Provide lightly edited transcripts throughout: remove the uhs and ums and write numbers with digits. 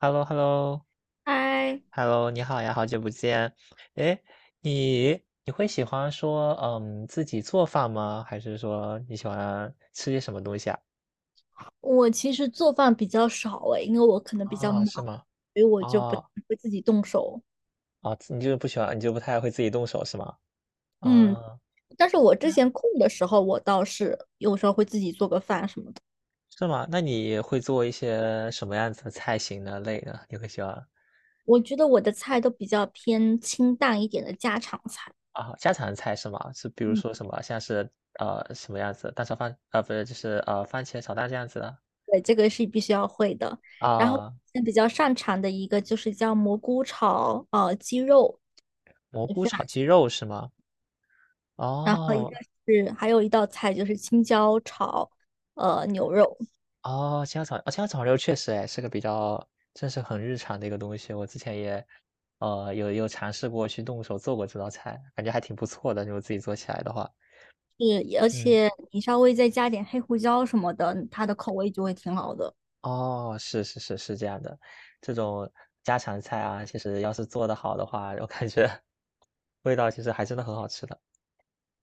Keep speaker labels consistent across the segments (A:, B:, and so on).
A: h e l l o h e l l o
B: 嗨，
A: h e l l o 你好呀，好久不见。哎，你会喜欢说自己做饭吗？还是说你喜欢吃些什么东西啊？
B: 我其实做饭比较少诶，因为我可能比较
A: 啊，
B: 忙，
A: 是吗？
B: 所以我就不太
A: 哦
B: 会自己动手。
A: 哦，你就是不喜欢，你就不太会自己动手是吗？
B: 嗯，
A: 啊，
B: 但是我之前空的时候，我倒是有时候会自己做个饭什么的。
A: 是吗？那你会做一些什么样子的菜型的类呢？你会喜欢
B: 我觉得我的菜都比较偏清淡一点的家常菜。
A: 啊家常菜是吗？是比如
B: 嗯，
A: 说什么像是什么样子蛋炒饭啊，不是就是番茄炒蛋这样子的
B: 对，这个是必须要会的。然后
A: 啊，
B: 现在比较擅长的一个就是叫蘑菇炒鸡肉，
A: 蘑
B: 也
A: 菇
B: 非常。
A: 炒鸡肉是吗？
B: 然后一
A: 哦，
B: 个是还有一道菜就是青椒炒牛肉。
A: 哦，家枣青椒炒肉确实哎，是个比较这是很日常的一个东西。我之前也，有尝试过去动手做过这道菜，感觉还挺不错的，如果自己做起来的话。
B: 是，而
A: 嗯，
B: 且你稍微再加点黑胡椒什么的，它的口味就会挺好的。
A: 哦，是是是是这样的。这种家常菜啊，其实要是做得好的话，我感觉味道其实还真的很好吃的。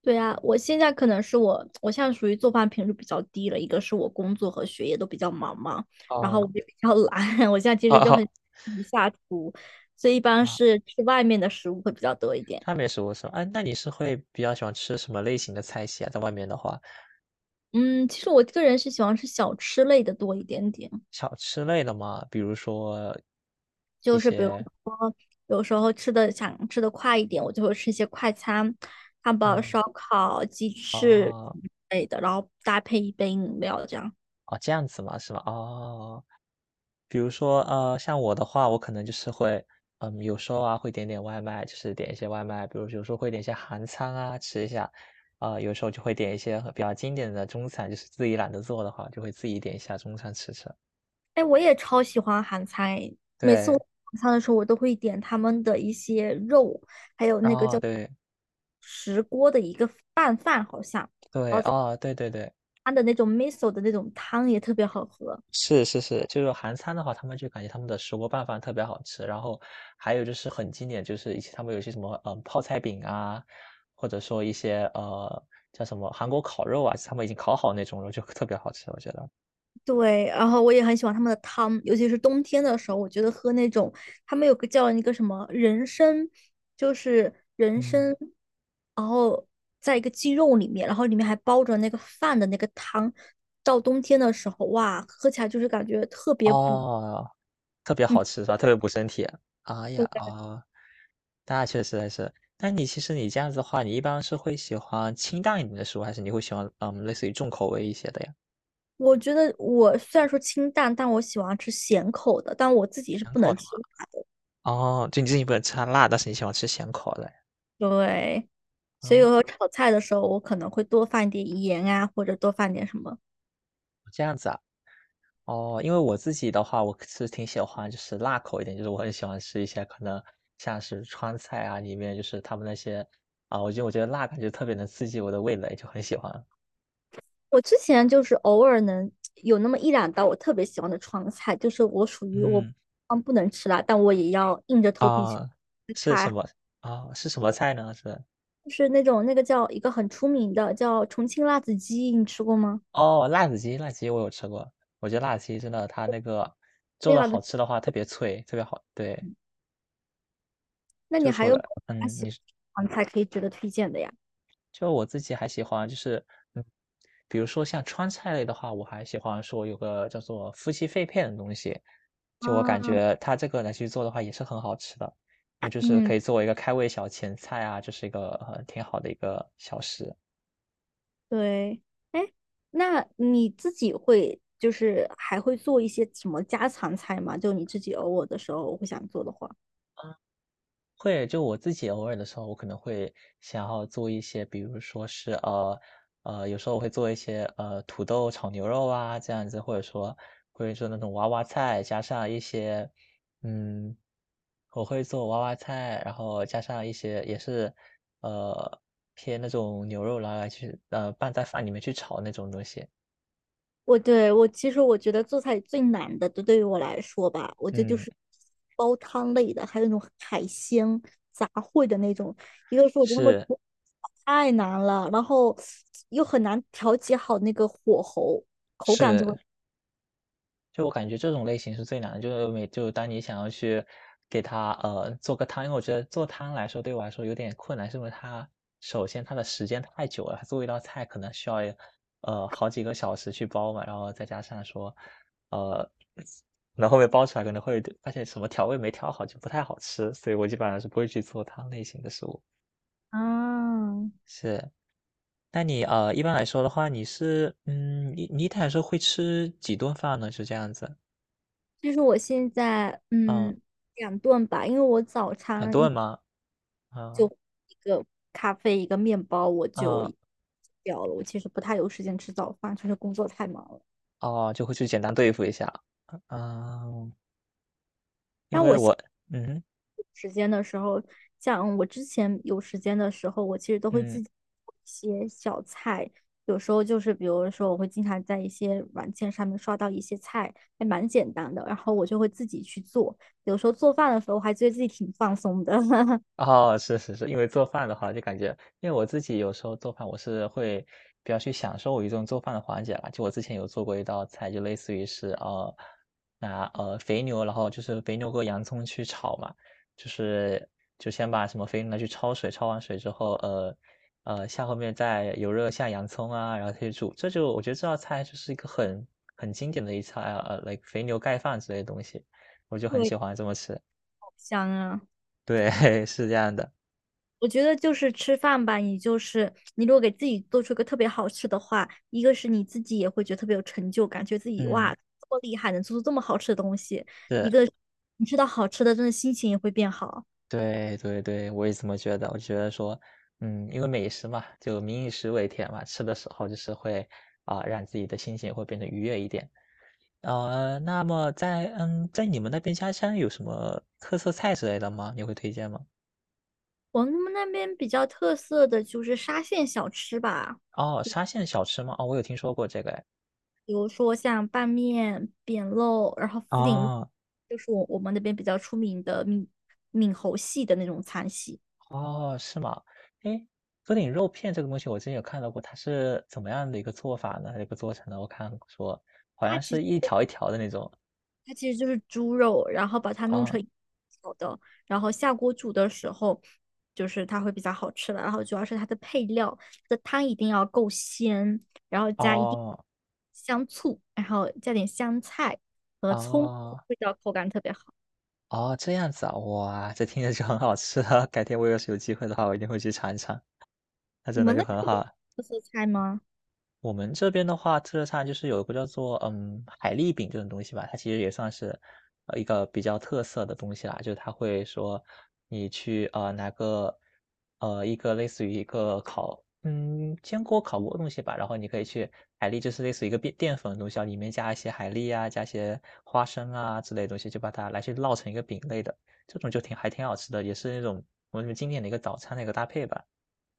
B: 对啊，我现在可能是我现在属于做饭频率比较低了，一个是我工作和学业都比较忙嘛，然后我
A: 哦，
B: 就比较懒，我现在其
A: 好
B: 实就很
A: 好
B: 一下厨，所以一般
A: 啊，啊
B: 是吃外面的食物会比较多一点。
A: 川美食物是吧？哎，那你是会比较喜欢吃什么类型的菜系啊？在外面的话。
B: 嗯，其实我个人是喜欢吃小吃类的多一点点。
A: 小吃类的嘛，比如说一
B: 就是比如
A: 些
B: 说有时候吃的想吃的快一点，我就会吃一些快餐，汉堡、
A: 嗯。
B: 烧烤、鸡翅
A: 哦，
B: 之类的，然后搭配一杯饮料这样。
A: 哦，这样子嘛，是吧？哦，比如说，像我的话，我可能就是会，有时候啊会点点外卖，就是点一些外卖，比如有时候会点一些韩餐啊吃一下，啊、有时候就会点一些比较经典的中餐，就是自己懒得做的话，就会自己点一下中餐吃吃。
B: 哎，我也超喜欢韩餐诶，每次我
A: 对，
B: 晚餐的时候，我都会点他们的一些肉，还有那个
A: 哦，
B: 叫
A: 对
B: 石锅的一个拌饭，好像
A: 对，哦，对对对。
B: 它的那种 miso 的那种汤也特别好喝。
A: 是是是，就是韩餐的话，他们就感觉他们的石锅拌饭特别好吃，然后还有就是很经典，就是一些他们有些什么泡菜饼啊，或者说一些叫什么韩国烤肉啊，他们已经烤好那种肉就特别好吃，我觉得，
B: 对，然后我也很喜欢他们的汤，尤其是冬天的时候，我觉得喝那种他们有个叫那个什么人参，就是人
A: 嗯，
B: 参，然后在一个鸡肉里面，然后里面还包着那个饭的那个汤，到冬天的时候，哇，喝起来就是感觉特别补。
A: 哦，特别
B: 嗯，
A: 好吃是吧？特别补身体。哎呀
B: 我
A: 哦，那确实还是。那你其实你这样子的话，你一般是会喜欢清淡一点的食物，还是你会喜欢类似于重口味一些的呀？
B: 我觉得我虽然说清淡，但我喜欢吃咸口的，但我自己是
A: 咸
B: 不
A: 口
B: 能
A: 的
B: 吃。
A: 嘛。哦，就你自己不能吃辣，但是你喜欢吃咸口的。
B: 对，所以有
A: 哦，
B: 时候炒菜的时候，我可能会多放一点盐啊，或者多放点什么。
A: 这样子啊。哦，因为我自己的话，我是挺喜欢就是辣口一点，就是我很喜欢吃一些可能像是川菜啊，里面就是他们那些啊，我觉得我觉得辣感觉特别能刺激我的味蕾，就很喜欢。
B: 我之前就是偶尔能有那么一两道我特别喜欢的川菜，就是我属于我
A: 嗯，
B: 不能吃辣，但我也要硬着头皮去
A: 啊，
B: 吃
A: 是什
B: 它，
A: 么啊？是什么菜呢？是
B: 就是那种那个叫一个很出名的叫重庆辣子鸡，你吃过吗？
A: 哦，辣子鸡，辣子鸡我有吃过，我觉得辣子鸡真的它那个做
B: 非
A: 的
B: 常的，
A: 好吃的话特别脆，特别好。对，
B: 那你
A: 就
B: 还
A: 除
B: 有没
A: 了
B: 有其他喜
A: 你
B: 欢的川菜可以值得推荐的呀？
A: 就我自己还喜欢就是，嗯，比如说像川菜类的话，我还喜欢说有个叫做夫妻肺片的东西，就我感
B: 啊，
A: 觉它这个来去做的话也是很好吃的，那就是可
B: 嗯，
A: 以作为一个开胃小前菜啊，就是一个，挺好的一个小食。
B: 对，哎，那你自己会就是还会做一些什么家常菜吗？就你自己偶尔的时候会想做的话。
A: 会，就我自己偶尔的时候，我可能会想要做一些，比如说是有时候我会做一些土豆炒牛肉啊这样子，或者说那种娃娃菜，加上一些嗯，我会做娃娃菜，然后加上一些也是呃偏那种牛肉拿来去拌在饭里面去炒那种东西。
B: 我其实我觉得做菜最难的，就对于我来说吧，我觉得就
A: 嗯，
B: 是煲汤类的，还有那种海鲜杂烩的那种。一个是我觉得他们
A: 是
B: 煮太难了，然后又很难调节好那个火候，口感就会。
A: 是，就我感觉这种类型是最难的，就是每就当你想要去给它做个汤，因为我觉得做汤来说对我来说有点困难，是因为它首先它的时间太久了，它做一道菜可能需要好几个小时去煲嘛，然后再加上说呃，然后后面煲出来可能会发现什么调味没调好就不太好吃，所以我基本上是不会去做汤类型的食物。
B: 啊，
A: 是，那你一般来说的话，你是你一天来说会吃几顿饭呢？是这样子，
B: 其实我现在
A: 嗯，
B: 两顿吧，因为我早
A: 很
B: 餐
A: 多
B: 一
A: 人吗？啊，
B: 一个咖啡一个面包我就
A: 啊，
B: 掉了，我其实不太有时间吃早饭，就是工作太忙了。
A: 哦，就会去简单对付一下。啊，啊因
B: 但
A: 为
B: 我
A: 我嗯
B: 时间的时候，像我之前有时间的时候，我其实都会
A: 嗯。
B: 自己做一些小菜。有时候就是比如说，我会经常在一些软件上面刷到一些菜，还蛮简单的，然后我就会自己去做。有时候做饭的时候，我还觉得自己挺放松的。
A: 哦，是是是，因为做饭的话就感觉因为我自己有时候做饭，我是会比较去享受我一种做饭的环节啦。就我之前有做过一道菜，就类似于是拿肥牛，然后就是肥牛和洋葱去炒嘛，就是就先把什么肥牛拿去焯水，焯完水之后，下后面再油热下洋葱啊，然后去煮。这就我觉得这道菜就是一个很经典的一菜啊，like 肥牛盖饭之类的东西，我就很
B: 对，
A: 喜欢这么吃。
B: 好香啊。
A: 对，是这样的，
B: 我觉得就是吃饭吧，你就是你如果给自己做出一个特别好吃的话，一个是你自己也会觉得特别有成就感，觉得自己
A: 嗯。
B: 哇这么厉害，能做出这么好吃的东西；一
A: 是，
B: 个你吃到好吃的，真的心情也会变好。
A: 对对对，我也这么觉得。我觉得说，因为美食嘛，就民以食为天嘛，吃的时候就是会啊、让自己的心情会变得愉悦一点。那么在你们那边家乡有什么特色菜之类的吗？你会推荐吗？
B: 我们那边比较特色的就是沙县小吃吧，
A: 哦，沙县小吃吗？哦，我有听说过这个哎。
B: 比如说像拌面、扁肉，然后福鼎肉，
A: 哦
B: 就是我们那边比较出名的闽侯系的那种餐系。
A: 哦，是吗？诶，鸽顶肉片这个东西我之前有看到过，它是怎么样的一个做法呢？一个做成的？我看说好
B: 它
A: 像
B: 其
A: 是
B: 实，
A: 一条一条的那种
B: 它其实就是猪肉，然后把它弄
A: 啊。
B: 成小的，然后下锅煮的时候，就是它会比较好吃了。然后主要是它的配料，它的汤一定要够鲜，然后加一定
A: 哦
B: 香醋，然后加点香菜和葱，
A: 哦，
B: 味道口感特别好。
A: 哦，这样子啊，哇，这听着就很好吃啊，改天我要是有机会的话，我一定会去尝一尝，那
B: 你
A: 真的
B: 们
A: 就
B: 那边
A: 很
B: 有
A: 好啊。
B: 特色菜吗？
A: 我们这边的话，特色菜就是有一个叫做海蛎饼这种东西吧，它其实也算是一个比较特色的东西啦。就是它会说你去拿个一个类似于一个烤煎锅烤锅的东西吧，然后你可以去海蛎就是类似于一个淀粉的东西啊，里面加一些海蛎啊，加一些花生啊之类的东西，就把它来去烙成一个饼类的，这种就挺还挺好吃的，也是那种我们经典的一个早餐的一个搭配吧。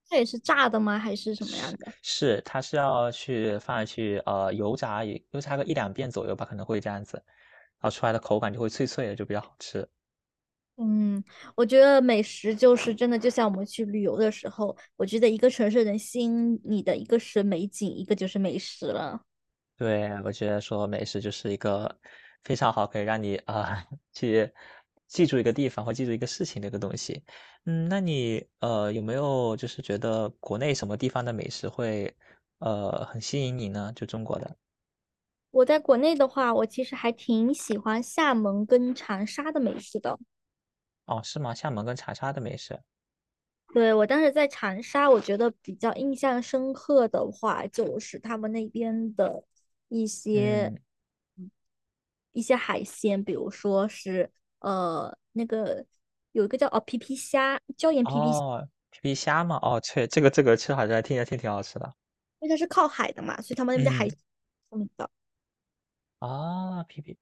B: 它也是炸的吗？还是什么样
A: 是
B: 的？
A: 是，它是要去放下去，油炸也油炸个一两遍左右吧，可能会这样子，然后出来的口感就会脆脆的，就比较好吃。
B: 嗯，我觉得美食就是真的，就像我们去旅游的时候，我觉得一个城市能吸引你的，一个是美景，一个就是美食了。
A: 对，我觉得说美食就是一个非常好可以让你，啊，去记住一个地方或记住一个事情的一个东西。那你，有没有就是觉得国内什么地方的美食会，很吸引你呢？就中国的。
B: 我在国内的话，我其实还挺喜欢厦门跟长沙的美食的。
A: 哦，是吗？厦门跟长沙的美食，
B: 对，我当时在长沙，我觉得比较印象深刻的话，就是他们那边的一些
A: 嗯。
B: 一些海鲜，比如说是那个有一个叫皮皮虾，椒盐皮皮虾，
A: 哦，皮皮虾嘛，哦，对，这个吃好像听着挺好吃的。
B: 因为它是靠海的嘛，所以他们那边的海，
A: 嗯，
B: 嗯的
A: 啊，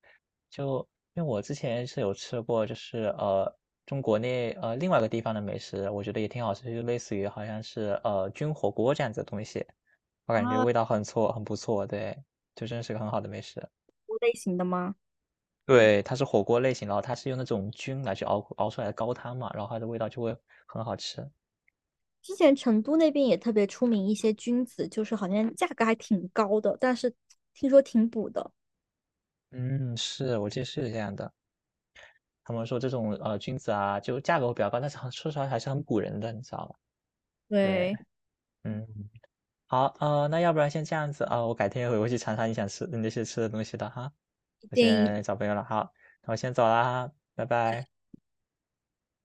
A: 就因为我之前是有吃过，就是中国内另外一个地方的美食，我觉得也挺好吃，就类似于好像是菌火锅这样子的东西，我感觉
B: 啊，
A: 味道很错，很不错，对，就真是个很好的美食。
B: 类型的吗？
A: 对，它是火锅类型，然后它是用那种菌来去熬出来的高汤嘛，然后它的味道就会很好吃。
B: 之前成都那边也特别出名一些菌子，就是好像价格还挺高的，但是听说挺补的。
A: 嗯，是，我记得是这样的。他们说这种，菌子啊，就价格会比较高，但是很说实话还是很唬人的，你知道吧？对，
B: 对，
A: 嗯，好，那要不然先这样子啊，我改天回会去尝尝你想吃你那些吃的东西的哈，我
B: 建议
A: 先找朋友了，好，那我先走啦，拜拜。